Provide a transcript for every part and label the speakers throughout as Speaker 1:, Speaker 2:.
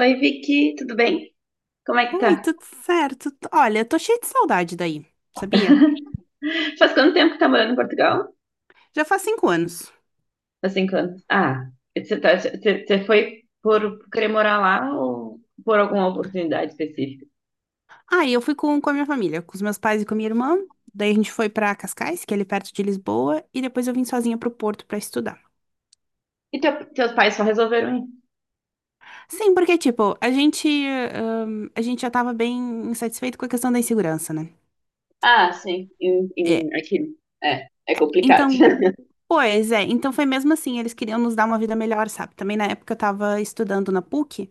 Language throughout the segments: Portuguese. Speaker 1: Oi, Vicky, tudo bem? Como é que
Speaker 2: Oi,
Speaker 1: tá?
Speaker 2: tudo certo? Olha, tô cheia de saudade daí, sabia?
Speaker 1: Faz quanto tempo que tá morando em Portugal?
Speaker 2: Já faz 5 anos.
Speaker 1: Faz 5 anos. Você você foi por querer morar lá ou por alguma oportunidade específica?
Speaker 2: Aí eu fui com a minha família, com os meus pais e com a minha irmã. Daí a gente foi pra Cascais, que é ali perto de Lisboa, e depois eu vim sozinha pro Porto pra estudar.
Speaker 1: E teus pais só resolveram ir?
Speaker 2: Sim, porque, tipo, a gente já tava bem insatisfeito com a questão da insegurança, né? É.
Speaker 1: Aqui é complicado.
Speaker 2: Então, pois é, então foi mesmo assim, eles queriam nos dar uma vida melhor, sabe? Também na época eu tava estudando na PUC.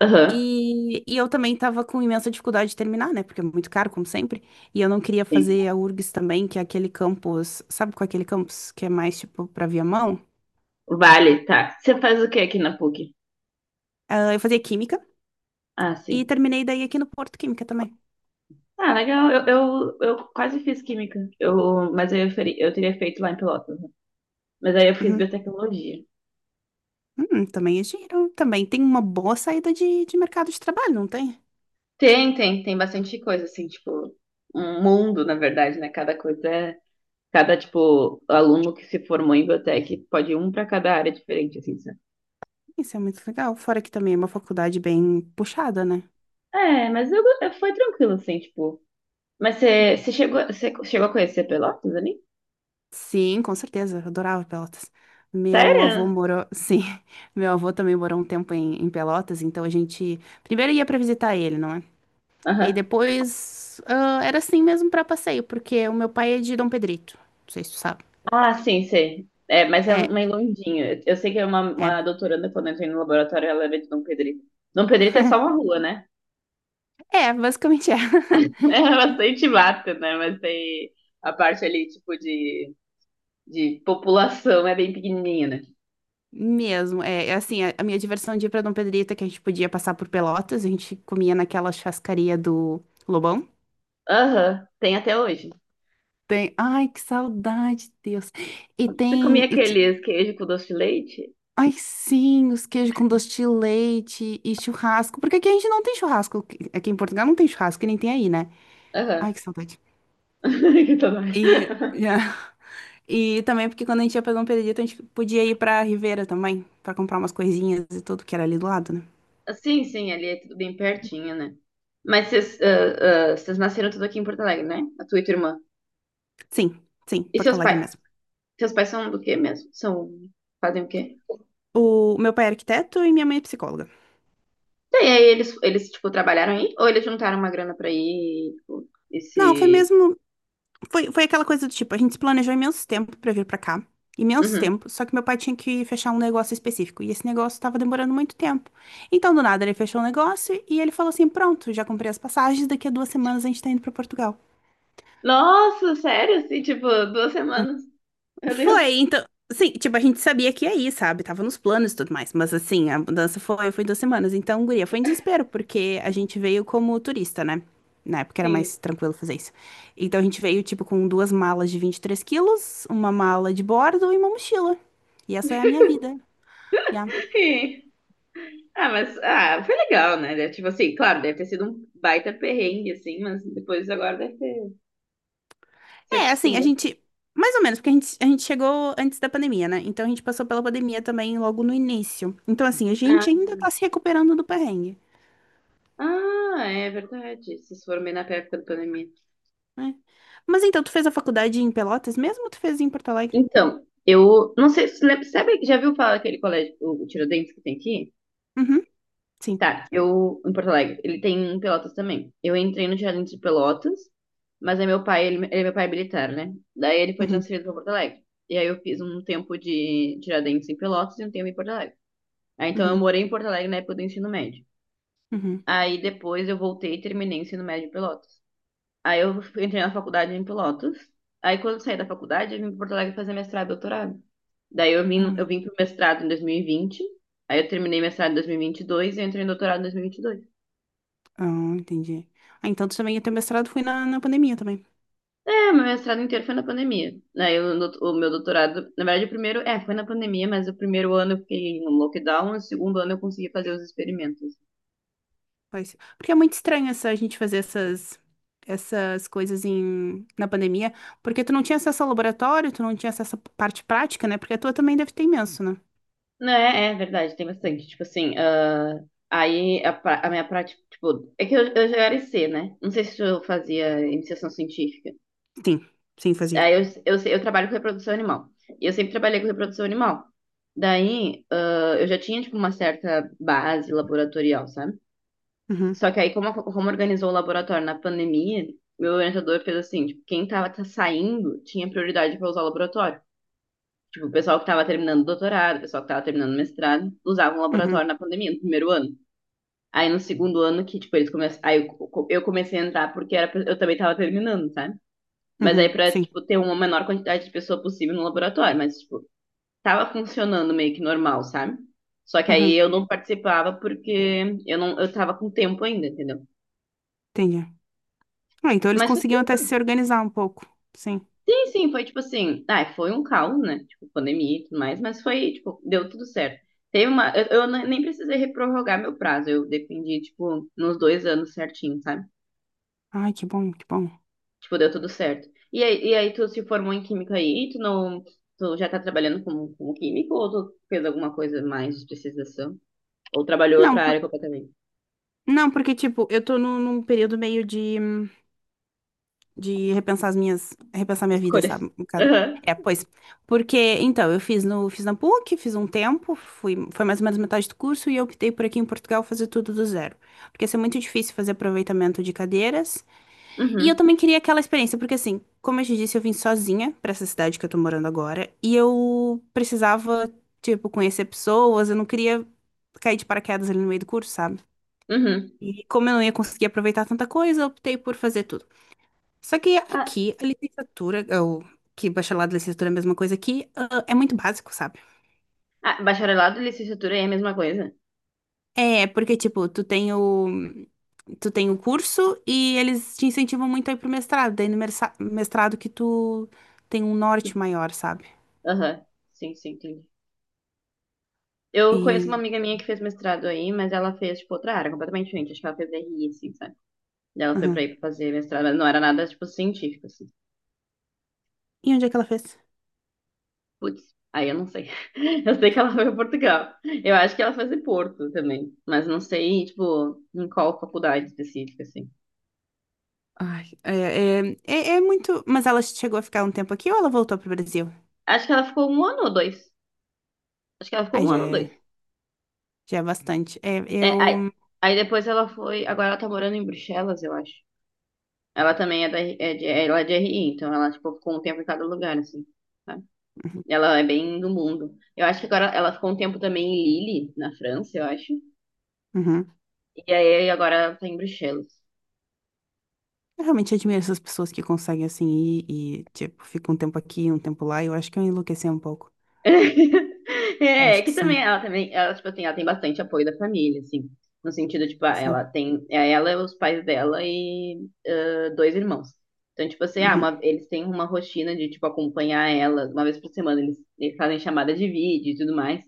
Speaker 1: Aham,
Speaker 2: E eu também estava com imensa dificuldade de terminar, né? Porque é muito caro, como sempre. E eu não queria
Speaker 1: sim.
Speaker 2: fazer a URGS também, que é aquele campus, sabe qual é aquele campus que é mais tipo para Viamão? Mão
Speaker 1: Vale, tá. Você faz o que aqui na PUC?
Speaker 2: Ah, eu fazia Química
Speaker 1: Ah,
Speaker 2: e
Speaker 1: sim.
Speaker 2: terminei daí aqui no Porto Química também.
Speaker 1: Ah, legal. Eu quase fiz química. Eu, mas eu, feri- Eu teria feito lá em Pelotas, né? Mas aí eu fiz
Speaker 2: Uhum.
Speaker 1: biotecnologia.
Speaker 2: Também é giro, também tem uma boa saída de mercado de trabalho, não tem?
Speaker 1: Tem bastante coisa, assim, tipo, um mundo, na verdade, né? Cada coisa é. Cada, tipo, aluno que se formou em biotech pode ir um para cada área diferente, assim, sabe?
Speaker 2: Isso é muito legal. Fora que também é uma faculdade bem puxada, né?
Speaker 1: Foi tranquilo, assim, tipo. Mas você chegou a conhecer Pelotas ali?
Speaker 2: Sim, com certeza, eu adorava Pelotas. Meu avô
Speaker 1: Sério?
Speaker 2: morou, sim, meu avô também morou um tempo em Pelotas, então a gente primeiro ia para visitar ele, não é? E
Speaker 1: Aham.
Speaker 2: depois ah, era assim mesmo para passeio, porque o meu pai é de Dom Pedrito, não sei se tu sabe.
Speaker 1: Ah, sim, sei. É, mas é
Speaker 2: É,
Speaker 1: meio longinho. Eu sei que é uma
Speaker 2: é,
Speaker 1: doutoranda, quando eu entrei no laboratório, ela era de Dom Pedrito. Dom Pedrito é só uma rua, né?
Speaker 2: é, basicamente é.
Speaker 1: É bastante mata, né? Mas tem a parte ali, tipo, de. De população é bem pequenininha, né?
Speaker 2: Mesmo, é assim, a minha diversão de ir para Dom Pedrito é que a gente podia passar por Pelotas, a gente comia naquela churrascaria do Lobão.
Speaker 1: Aham, tem até hoje.
Speaker 2: Tem, ai, que saudade, Deus. E
Speaker 1: Você comia
Speaker 2: tem.
Speaker 1: aqueles queijo com doce de leite?
Speaker 2: Ai, sim, os queijos com doce de leite e churrasco. Porque aqui a gente não tem churrasco. Aqui em Portugal não tem churrasco, que nem tem aí, né?
Speaker 1: Aham.
Speaker 2: Ai, que saudade.
Speaker 1: Que tá.
Speaker 2: E, e também porque quando a gente ia pra um Pedrito, a gente podia ir pra Ribeira também, pra comprar umas coisinhas e tudo que era ali do lado, né?
Speaker 1: Sim, sim, ali é tudo bem pertinho, né? Mas vocês, vocês nasceram tudo aqui em Porto Alegre, né? A tua e tua irmã.
Speaker 2: Sim, sim,
Speaker 1: E
Speaker 2: Porto
Speaker 1: seus
Speaker 2: Alegre
Speaker 1: pais?
Speaker 2: mesmo.
Speaker 1: Seus pais são do quê mesmo? São, fazem o quê?
Speaker 2: O meu pai é arquiteto e minha mãe é psicóloga.
Speaker 1: E aí tipo, trabalharam aí? Ou eles juntaram uma grana pra ir, tipo,
Speaker 2: Não, foi
Speaker 1: esse...
Speaker 2: mesmo. Foi aquela coisa do tipo, a gente se planejou imenso tempo pra vir pra cá. Imenso
Speaker 1: Uhum.
Speaker 2: tempo. Só que meu pai tinha que fechar um negócio específico. E esse negócio tava demorando muito tempo. Então, do nada, ele fechou o negócio e ele falou assim: Pronto, já comprei as passagens. Daqui a 2 semanas a gente tá indo pra Portugal.
Speaker 1: Nossa, sério? Assim, tipo, duas semanas. Meu Deus.
Speaker 2: Foi, então. Sim, tipo, a gente sabia que ia ir, sabe? Tava nos planos e tudo mais. Mas assim, a mudança foi 2 semanas. Então, guria, foi em desespero, porque a gente veio como turista, né? Na época era
Speaker 1: Sim.
Speaker 2: mais tranquilo fazer isso. Então a gente veio, tipo, com duas malas de 23 quilos, uma mala de bordo e uma mochila. E essa é a minha vida. Já
Speaker 1: Sim. Ah, mas foi legal, né? Tipo assim, claro, deve ter sido um baita perrengue, assim, mas depois agora deve ter se
Speaker 2: É, assim, a
Speaker 1: acostumou.
Speaker 2: gente. Mais ou menos, porque a gente chegou antes da pandemia, né? Então a gente passou pela pandemia também logo no início. Então, assim, a
Speaker 1: Ah,
Speaker 2: gente ainda tá se recuperando do perrengue.
Speaker 1: É verdade. Vocês foram bem na época da pandemia.
Speaker 2: É. Mas então, tu fez a faculdade em Pelotas mesmo ou tu fez em Porto Alegre?
Speaker 1: Então, eu não sei se você lembra, sabe, já viu falar aquele colégio, o Tiradentes que tem aqui?
Speaker 2: Uhum, sim.
Speaker 1: Tá, eu, em Porto Alegre, ele tem em Pelotas também. Eu entrei no Tiradentes de Pelotas, mas é meu pai, meu pai é militar, né? Daí ele foi
Speaker 2: Uhum,
Speaker 1: transferido para Porto Alegre. E aí eu fiz um tempo de Tiradentes em Pelotas e um tempo em Porto Alegre. Aí, então, eu
Speaker 2: uhum,
Speaker 1: morei em Porto Alegre na época do ensino médio.
Speaker 2: uhum.
Speaker 1: Aí, depois, eu voltei e terminei o ensino médio em Pelotas. Aí, eu entrei na faculdade em Pelotas. Aí, quando eu saí da faculdade, eu vim para Porto Alegre fazer mestrado e doutorado. Daí, eu
Speaker 2: Ah,
Speaker 1: vim para o mestrado em 2020. Aí, eu terminei mestrado em 2022 e vinte e dois e eu entrei em doutorado em 2022.
Speaker 2: ah, entendi. Ah, então tu também, o teu mestrado foi na pandemia também.
Speaker 1: É, meu mestrado inteiro foi na pandemia. O meu doutorado, na verdade, o primeiro, foi na pandemia, mas o primeiro ano eu fiquei no lockdown, o segundo ano eu consegui fazer os experimentos.
Speaker 2: Pois Porque é muito estranho essa, a gente fazer essas coisas na pandemia, porque tu não tinha acesso ao laboratório, tu não tinha acesso à parte prática, né? Porque a tua também deve ter imenso, né?
Speaker 1: Né, é verdade, tem bastante. Tipo assim, a minha prática, tipo, é que eu, já era IC, né? Não sei se eu fazia iniciação científica.
Speaker 2: Sim, sim, fazia.
Speaker 1: Aí eu, sei- Eu trabalho com reprodução animal. E eu sempre trabalhei com reprodução animal. Daí, eu já tinha, tipo, uma certa base laboratorial, sabe?
Speaker 2: Uhum,
Speaker 1: Só que aí, como organizou o laboratório na pandemia, meu orientador fez assim, tipo, quem tava tá saindo tinha prioridade para usar o laboratório. Tipo, o pessoal que estava terminando doutorado, o pessoal que estava terminando mestrado, usava um
Speaker 2: uhum,
Speaker 1: laboratório na pandemia, no primeiro ano. Aí no segundo ano que, tipo, eles começaram. Eu comecei a entrar porque era... eu também estava terminando, sabe? Mas aí
Speaker 2: uhum,
Speaker 1: pra,
Speaker 2: sim.
Speaker 1: tipo, ter uma menor quantidade de pessoa possível no laboratório. Mas, tipo, tava funcionando meio que normal, sabe? Só que aí
Speaker 2: Uhum,
Speaker 1: eu não participava porque eu não, eu tava com tempo ainda, entendeu?
Speaker 2: entendi. Ah, então eles
Speaker 1: Mas foi.
Speaker 2: conseguiam até se organizar um pouco. Sim.
Speaker 1: Sim, sim, foi tipo assim, ah, foi um caos, né? Tipo, pandemia e tudo mais, mas foi, tipo, deu tudo certo. Teve uma, eu ne- Nem precisei reprorrogar meu prazo, eu dependi, tipo, nos 2 anos certinho, sabe?
Speaker 2: Ai, que bom, que bom.
Speaker 1: Tipo, deu tudo certo. E aí tu se formou em química aí, tu não, tu já tá trabalhando como, como químico ou tu fez alguma coisa mais de especialização? Ou trabalhou
Speaker 2: Não,
Speaker 1: outra
Speaker 2: por-
Speaker 1: área completamente?
Speaker 2: não, porque, tipo, eu tô num período meio de repensar repensar minha vida,
Speaker 1: Escolhas.
Speaker 2: sabe? Um bocado. É, pois, porque, então, eu fiz no, fiz na PUC, fiz um tempo, fui, foi mais ou menos metade do curso e eu optei por aqui em Portugal fazer tudo do zero, porque ia ser muito difícil fazer aproveitamento de cadeiras,
Speaker 1: Aham,
Speaker 2: e eu também queria aquela experiência, porque assim, como eu te disse, eu vim sozinha pra essa cidade que eu tô morando agora, e eu precisava, tipo, conhecer pessoas, eu não queria cair de paraquedas ali no meio do curso, sabe?
Speaker 1: uhum.
Speaker 2: E como eu não ia conseguir aproveitar tanta coisa, eu optei por fazer tudo. Só que
Speaker 1: Ah,
Speaker 2: aqui, a licenciatura, ou que bacharelado e licenciatura é a mesma coisa aqui, ah, é muito básico, sabe?
Speaker 1: Bacharelado e licenciatura aí é a mesma coisa?
Speaker 2: É, porque, tipo, tu tem o curso e eles te incentivam muito a ir pro mestrado. Daí no mestrado que tu tem um norte maior, sabe?
Speaker 1: Aham. Sim, sim, entendi. Eu conheço uma
Speaker 2: E,
Speaker 1: amiga minha que fez mestrado aí, mas ela fez, tipo, outra área completamente diferente. Acho que ela fez RI, assim, sabe? E ela foi pra
Speaker 2: aham.
Speaker 1: ir pra fazer mestrado, mas não era nada, tipo, científico, assim.
Speaker 2: E onde é que ela fez?
Speaker 1: Putz, aí eu não sei. Eu sei que ela foi pra Portugal. Eu acho que ela fez em Porto também, mas não sei, tipo, em qual faculdade específica, assim.
Speaker 2: Ai, é, é, é, é muito. Mas ela chegou a ficar um tempo aqui ou ela voltou pro Brasil?
Speaker 1: Acho que ela ficou um ano ou dois. Acho que ela ficou
Speaker 2: Ai,
Speaker 1: um ano ou dois.
Speaker 2: já é bastante. É,
Speaker 1: É, aí,
Speaker 2: eu.
Speaker 1: Aí depois ela foi. Agora ela tá morando em Bruxelas, eu acho. Ela também é, ela é de RI, então ela, tipo, ficou um tempo em cada lugar, assim, sabe? Ela é bem do mundo. Eu acho que agora ela ficou um tempo também em Lille, na França, eu acho.
Speaker 2: Uhum.
Speaker 1: E aí agora ela tá em Bruxelas.
Speaker 2: Eu realmente admiro essas pessoas que conseguem assim ir e, tipo, fica um tempo aqui, um tempo lá. Eu acho que eu enlouqueci um pouco. Eu
Speaker 1: É,
Speaker 2: acho que
Speaker 1: que também
Speaker 2: sim,
Speaker 1: tipo assim, ela tem bastante apoio da família, assim. No sentido, tipo, ela
Speaker 2: sim.
Speaker 1: tem, ela, os pais dela e dois irmãos. Então, tipo assim,
Speaker 2: Uhum.
Speaker 1: eles têm uma rotina de, tipo, acompanhar ela. Uma vez por semana eles fazem chamada de vídeo e tudo mais.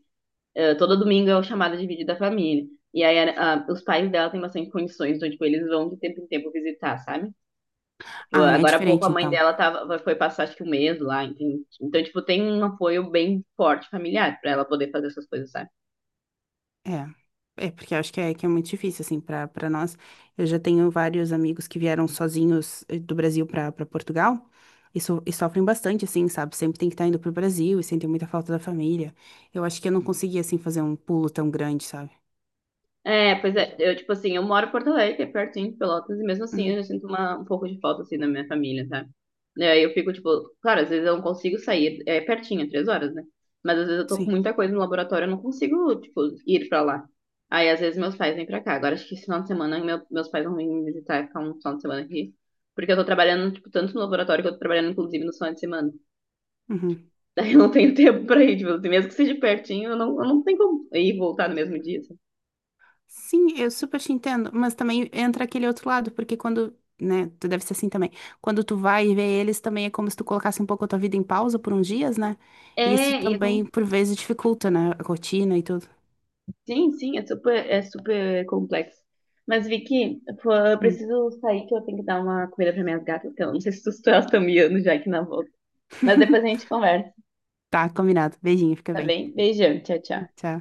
Speaker 1: Todo domingo é o chamado de vídeo da família. Os pais dela têm bastante condições, então, tipo, eles vão de tempo em tempo visitar, sabe? Tipo,
Speaker 2: Ah, é
Speaker 1: agora há pouco a
Speaker 2: diferente
Speaker 1: mãe
Speaker 2: então.
Speaker 1: dela tava, foi passar, acho que um mês lá, entende? Então, tipo, tem um apoio bem forte familiar pra ela poder fazer essas coisas, sabe?
Speaker 2: É. É, porque eu acho que é muito difícil, assim, para nós. Eu já tenho vários amigos que vieram sozinhos do Brasil para Portugal e, e sofrem bastante, assim, sabe? Sempre tem que estar indo pro Brasil e sentem muita falta da família. Eu acho que eu não conseguia assim, fazer um pulo tão grande, sabe?
Speaker 1: É, pois é, eu, tipo assim, eu moro em Porto Alegre, que é pertinho de Pelotas, e mesmo assim eu
Speaker 2: Uhum.
Speaker 1: já sinto um pouco de falta, assim, da minha família, sabe? E aí eu fico, tipo, claro, às vezes eu não consigo sair, é pertinho, é 3 horas, né? Mas às vezes eu tô com
Speaker 2: Sim.
Speaker 1: muita coisa no laboratório, eu não consigo, tipo, ir pra lá. Aí às vezes meus pais vêm pra cá. Agora acho que esse final de semana meus pais vão vir me visitar e ficar um final de semana aqui. Porque eu tô trabalhando, tipo, tanto no laboratório que eu tô trabalhando, inclusive, no final de semana.
Speaker 2: Uhum.
Speaker 1: Daí eu não tenho tempo pra ir, tipo, assim, mesmo que seja pertinho, eu não tenho como ir e voltar no mesmo dia, sabe?
Speaker 2: Sim, eu super te entendo, mas também entra aquele outro lado, porque quando, né, tu deve ser assim também, quando tu vai ver eles, também é como se tu colocasse um pouco a tua vida em pausa por uns dias, né? E isso
Speaker 1: É, e é.
Speaker 2: também, por vezes, dificulta, né, a rotina e tudo.
Speaker 1: Sim, sim, é super complexo. Mas, Vicky, pô, eu
Speaker 2: Hum.
Speaker 1: preciso sair que eu tenho que dar uma comida para minhas gatas, que eu não sei se elas estão miando já aqui na volta. Mas depois a gente conversa,
Speaker 2: Tá, combinado. Beijinho, fica
Speaker 1: tá
Speaker 2: bem.
Speaker 1: bem? Beijão, tchau, tchau.
Speaker 2: Tchau.